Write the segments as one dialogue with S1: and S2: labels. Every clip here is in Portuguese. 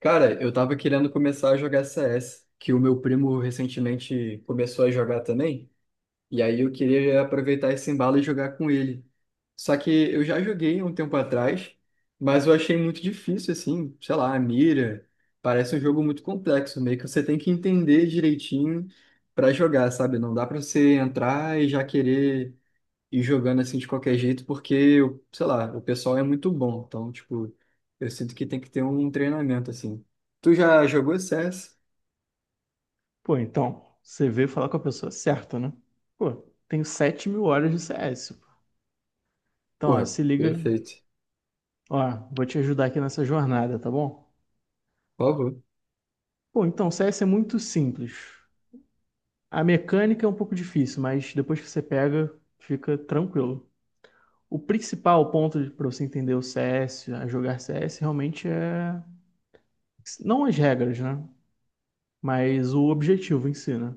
S1: Cara, eu tava querendo começar a jogar CS, que o meu primo recentemente começou a jogar também, e aí eu queria aproveitar esse embalo e jogar com ele. Só que eu já joguei um tempo atrás, mas eu achei muito difícil, assim, sei lá, a mira. Parece um jogo muito complexo, meio que você tem que entender direitinho pra jogar, sabe? Não dá pra você entrar e já querer e jogando assim de qualquer jeito, porque, eu, sei lá, o pessoal é muito bom. Então, tipo, eu sinto que tem que ter um treinamento assim. Tu já jogou CS?
S2: Pô, então, você veio falar com a pessoa certa, né? Pô, tenho 7.000 horas de CS, pô. Então, ó,
S1: Porra,
S2: se liga.
S1: perfeito.
S2: Ó, vou te ajudar aqui nessa jornada, tá bom?
S1: Por favor.
S2: Pô, então, CS é muito simples. A mecânica é um pouco difícil, mas depois que você pega, fica tranquilo. O principal ponto para você entender o CS, a jogar CS, realmente é. Não as regras, né? Mas o objetivo em si, né?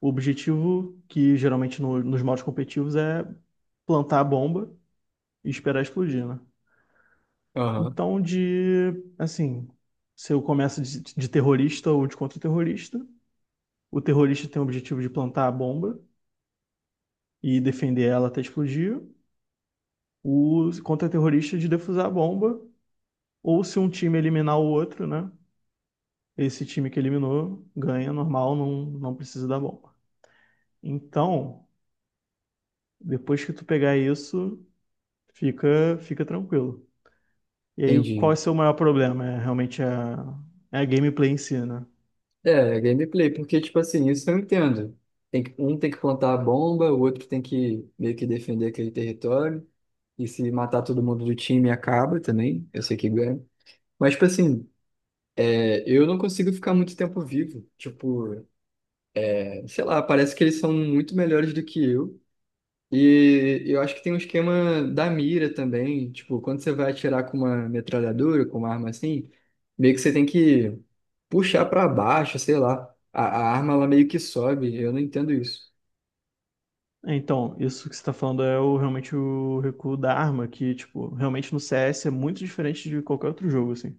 S2: O objetivo que geralmente nos modos competitivos é plantar a bomba e esperar explodir, né?
S1: Aham,
S2: Então, de, assim, se eu começo de terrorista ou de contra-terrorista, o terrorista tem o objetivo de plantar a bomba e defender ela até explodir, o contra-terrorista de defusar a bomba, ou se um time eliminar o outro, né? Esse time que eliminou ganha normal, não precisa da bomba. Então, depois que tu pegar isso, fica tranquilo. E aí, qual é
S1: entendi.
S2: o seu maior problema? É a gameplay em si, né?
S1: É, é gameplay, porque, tipo assim, isso eu entendo. Tem que, um tem que plantar a bomba, o outro tem que meio que defender aquele território. E se matar todo mundo do time, acaba também. Eu sei que ganha. Mas, tipo assim, eu não consigo ficar muito tempo vivo. Tipo, sei lá, parece que eles são muito melhores do que eu. E eu acho que tem um esquema da mira também. Tipo, quando você vai atirar com uma metralhadora, com uma arma assim, meio que você tem que puxar pra baixo, sei lá. A arma ela meio que sobe. Eu não entendo isso.
S2: É, então, isso que você tá falando é o, realmente o recuo da arma, que, tipo, realmente no CS é muito diferente de qualquer outro jogo, assim.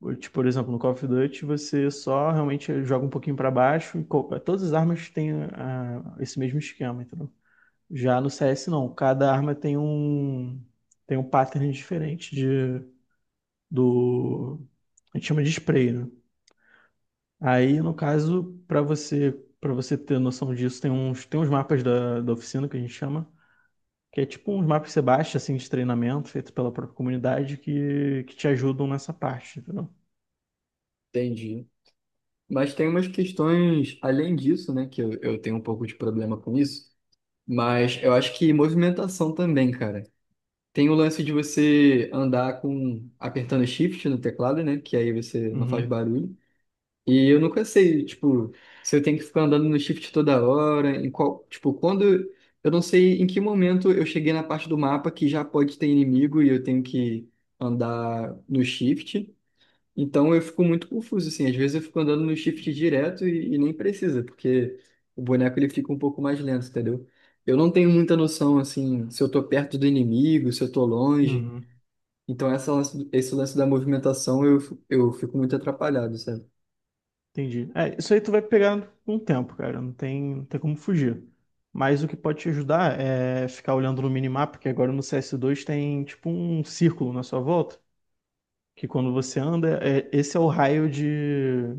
S2: Ou, tipo, por exemplo, no Call of Duty você só realmente joga um pouquinho pra baixo e todas as armas têm esse mesmo esquema, entendeu? Já no CS não, cada arma tem tem um pattern diferente de do a gente chama de spray, né? Aí, no caso, pra você para você ter noção disso, tem uns mapas da oficina que a gente chama. Que é tipo uns mapas que você baixa, assim, de treinamento, feito pela própria comunidade, que te ajudam nessa parte, entendeu?
S1: Entendi. Mas tem umas questões além disso, né? Que eu tenho um pouco de problema com isso. Mas eu acho que movimentação também, cara. Tem o lance de você andar com apertando shift no teclado, né? Que aí você não faz
S2: Uhum.
S1: barulho. E eu nunca sei, tipo, se eu tenho que ficar andando no shift toda hora, em qual, tipo, quando eu não sei em que momento eu cheguei na parte do mapa que já pode ter inimigo e eu tenho que andar no shift. Então eu fico muito confuso assim, às vezes eu fico andando no shift direto e nem precisa, porque o boneco ele fica um pouco mais lento, entendeu? Eu não tenho muita noção assim, se eu tô perto do inimigo, se eu tô longe.
S2: uhum.
S1: Então esse lance da movimentação eu fico muito atrapalhado, sabe?
S2: Entendi. É, isso aí tu vai pegar com o tempo, cara. Não tem como fugir. Mas o que pode te ajudar é ficar olhando no minimapa, que agora no CS2 tem tipo um círculo na sua volta, que quando você anda, esse é o raio de,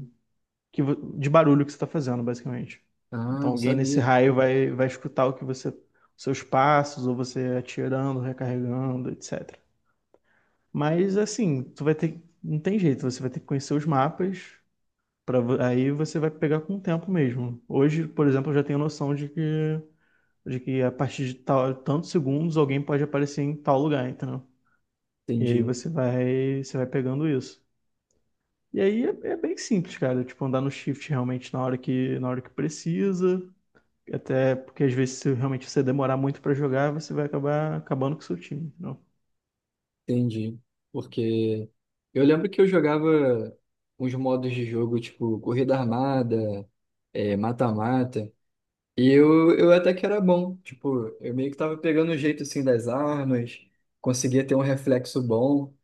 S2: que de barulho que você está fazendo, basicamente.
S1: Ah,
S2: Então
S1: não
S2: alguém nesse
S1: sabia.
S2: raio vai escutar o que você, seus passos, ou você atirando, recarregando, etc. Mas assim, tu vai ter, não tem jeito, você vai ter que conhecer os mapas para aí você vai pegar com o tempo mesmo. Hoje, por exemplo, eu já tenho noção de que a partir de tal, tantos segundos alguém pode aparecer em tal lugar, entendeu? E aí
S1: Entendi,
S2: você vai pegando isso. E aí é bem simples, cara, tipo andar no shift realmente na hora que precisa. Até porque às vezes se realmente você demorar muito pra jogar, você vai acabar acabando com o seu time. Não.
S1: entendi. Porque eu lembro que eu jogava uns modos de jogo, tipo corrida armada, mata-mata, e eu até que era bom. Tipo, eu meio que tava pegando o jeito assim das armas, conseguia ter um reflexo bom,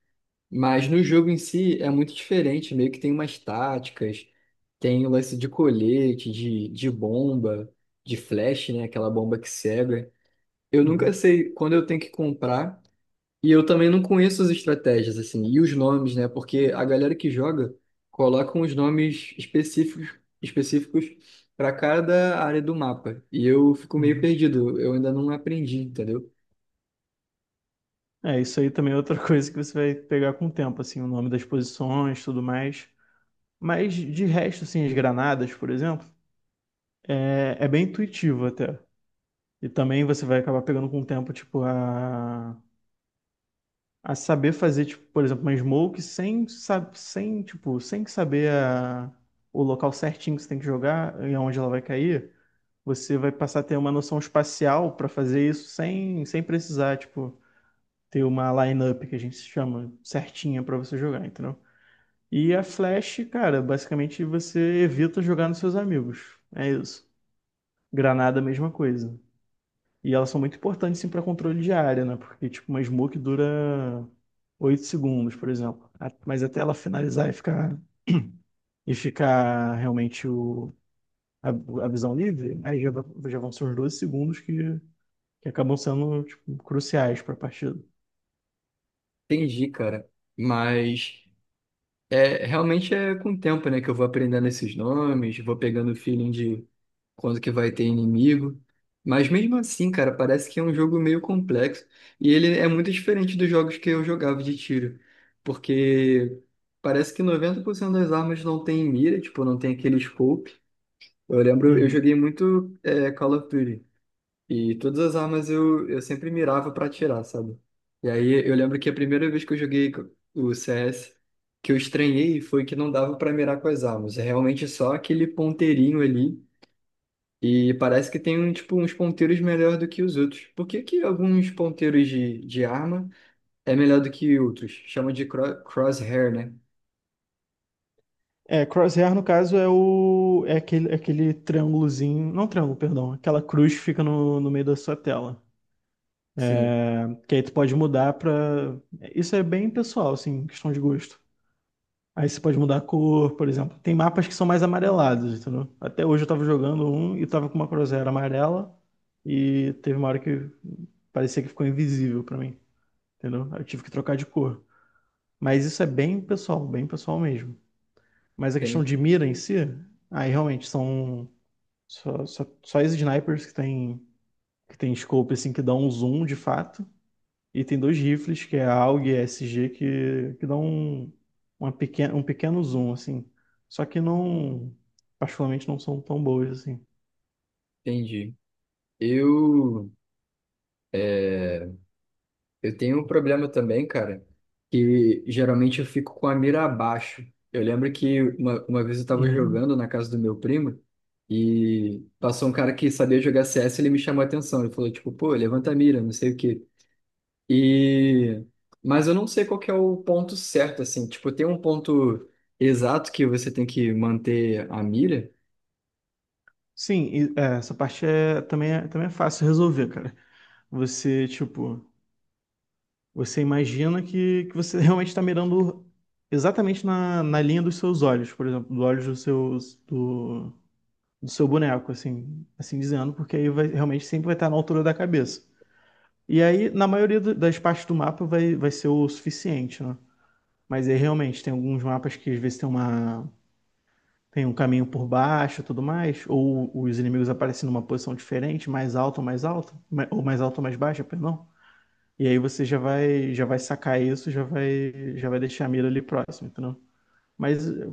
S1: mas no jogo em si é muito diferente, meio que tem umas táticas, tem o lance de colete, de bomba, de flash, né? Aquela bomba que cega. Eu nunca
S2: Uhum,
S1: sei quando eu tenho que comprar. E eu também não conheço as estratégias, assim, e os nomes, né? Porque a galera que joga coloca uns nomes específicos para cada área do mapa. E eu fico meio
S2: uhum.
S1: perdido, eu ainda não aprendi, entendeu?
S2: É, isso aí também é outra coisa que você vai pegar com o tempo, assim, o nome das posições, tudo mais. Mas de resto, assim, as granadas, por exemplo, é, é bem intuitivo até. E também você vai acabar pegando com o tempo, tipo, a saber fazer, tipo, por exemplo, uma smoke sem, tipo, sem saber o local certinho que você tem que jogar e aonde ela vai cair. Você vai passar a ter uma noção espacial para fazer isso sem, sem precisar, tipo, ter uma line up que a gente chama certinha para você jogar, entendeu? E a Flash, cara, basicamente você evita jogar nos seus amigos. É isso. Granada, mesma coisa. E elas são muito importantes, sim, para controle de área, né? Porque, tipo, uma smoke dura 8 segundos, por exemplo. Mas até ela finalizar e ficar realmente a visão livre, já vão ser uns 12 segundos que acabam sendo tipo cruciais para a partida.
S1: Entendi, cara. Mas. É, realmente é com o tempo, né, que eu vou aprendendo esses nomes, vou pegando o feeling de quando que vai ter inimigo. Mas mesmo assim, cara, parece que é um jogo meio complexo. E ele é muito diferente dos jogos que eu jogava de tiro. Porque parece que 90% das armas não tem mira, tipo, não tem aquele scope. Eu lembro, eu
S2: Uhum.
S1: joguei muito Call of Duty. E todas as armas eu sempre mirava pra atirar, sabe? E aí eu lembro que a primeira vez que eu joguei o CS, que eu estranhei foi que não dava pra mirar com as armas. É realmente só aquele ponteirinho ali. E parece que tem um, tipo, uns ponteiros melhor do que os outros. Por que que alguns ponteiros de arma é melhor do que outros? Chama de crosshair, né?
S2: É, crosshair no caso é o é aquele triângulozinho, não triângulo, perdão, aquela cruz que fica no meio da sua tela.
S1: Sim,
S2: É, que aí tu pode mudar para isso é bem pessoal, assim, questão de gosto. Aí você pode mudar a cor, por exemplo. Tem mapas que são mais amarelados, entendeu? Até hoje eu tava jogando um e tava com uma crosshair amarela e teve uma hora que parecia que ficou invisível para mim, entendeu? Aí eu tive que trocar de cor. Mas isso é bem pessoal mesmo. Mas a questão
S1: tem,
S2: de mira em si, aí realmente são só as snipers que que tem scope assim, que dão um zoom de fato. E tem dois rifles, que é a AUG e a SG, que dão uma pequena, um pequeno zoom, assim. Só que não, particularmente, não são tão boas, assim.
S1: entendi. Eu. eh, Eu tenho um problema também, cara, que geralmente eu fico com a mira abaixo. Eu lembro que uma vez eu tava
S2: Uhum.
S1: jogando na casa do meu primo e passou um cara que sabia jogar CS e ele me chamou a atenção. Ele falou, tipo, pô, levanta a mira, não sei o quê. E... Mas eu não sei qual que é o ponto certo, assim. Tipo, tem um ponto exato que você tem que manter a mira?
S2: Sim, é, essa parte também, também é fácil resolver, cara. Você, tipo, Você imagina que você realmente está mirando exatamente na linha dos seus olhos, por exemplo, dos olhos do seu, do, do seu boneco, assim, assim dizendo, porque aí vai, realmente sempre vai estar na altura da cabeça. E aí, na maioria das partes do mapa, vai ser o suficiente, né? Mas aí realmente tem alguns mapas que às vezes tem tem um caminho por baixo e tudo mais, ou os inimigos aparecem numa posição diferente, mais alta ou mais alta, ma- ou mais alta ou mais baixa, perdão. E aí já vai sacar isso, já vai deixar a mira ali próximo, entendeu? Mas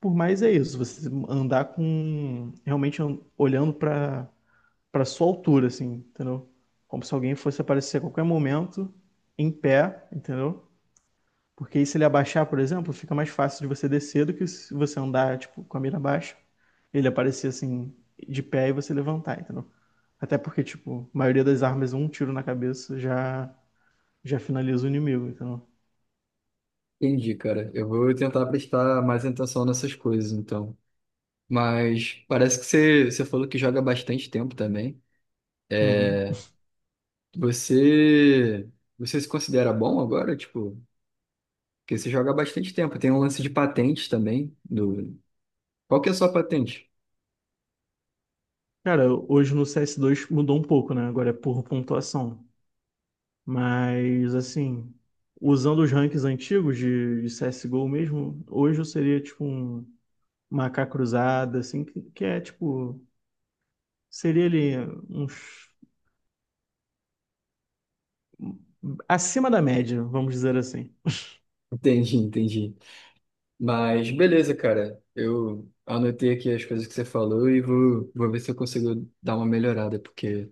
S2: por mais é isso, você andar com realmente olhando para sua altura, assim, entendeu? Como se alguém fosse aparecer a qualquer momento em pé, entendeu? Porque aí se ele abaixar, por exemplo, fica mais fácil de você descer do que se você andar tipo com a mira baixa, ele aparecer assim de pé e você levantar, entendeu? Até porque tipo, a maioria das armas um tiro na cabeça já finaliza o inimigo, entendeu?
S1: Entendi, cara. Eu vou tentar prestar mais atenção nessas coisas, então. Mas parece que você falou que joga há bastante tempo também.
S2: Uhum.
S1: Você, você se considera bom agora? Tipo, porque você joga há bastante tempo. Tem um lance de patente também. Do... Qual que é a sua patente?
S2: Cara, hoje no CS2 mudou um pouco, né? Agora é por pontuação. Mas, assim, usando os ranks antigos de CSGO mesmo, hoje eu seria tipo um macaco cruzada, assim, que é tipo. Seria ali uns, acima da média, vamos dizer assim.
S1: Entendi, entendi. Mas beleza, cara. Eu anotei aqui as coisas que você falou e vou ver se eu consigo dar uma melhorada, porque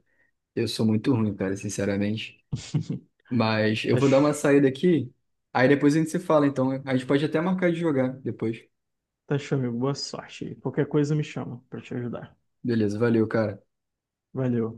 S1: eu sou muito ruim, cara, sinceramente. Mas eu
S2: Tá,
S1: vou dar uma
S2: ch-
S1: saída aqui, aí depois a gente se fala, então. A gente pode até marcar de jogar depois.
S2: tá, amigo. Boa sorte aí. Qualquer coisa me chama pra te ajudar.
S1: Beleza, valeu, cara.
S2: Valeu.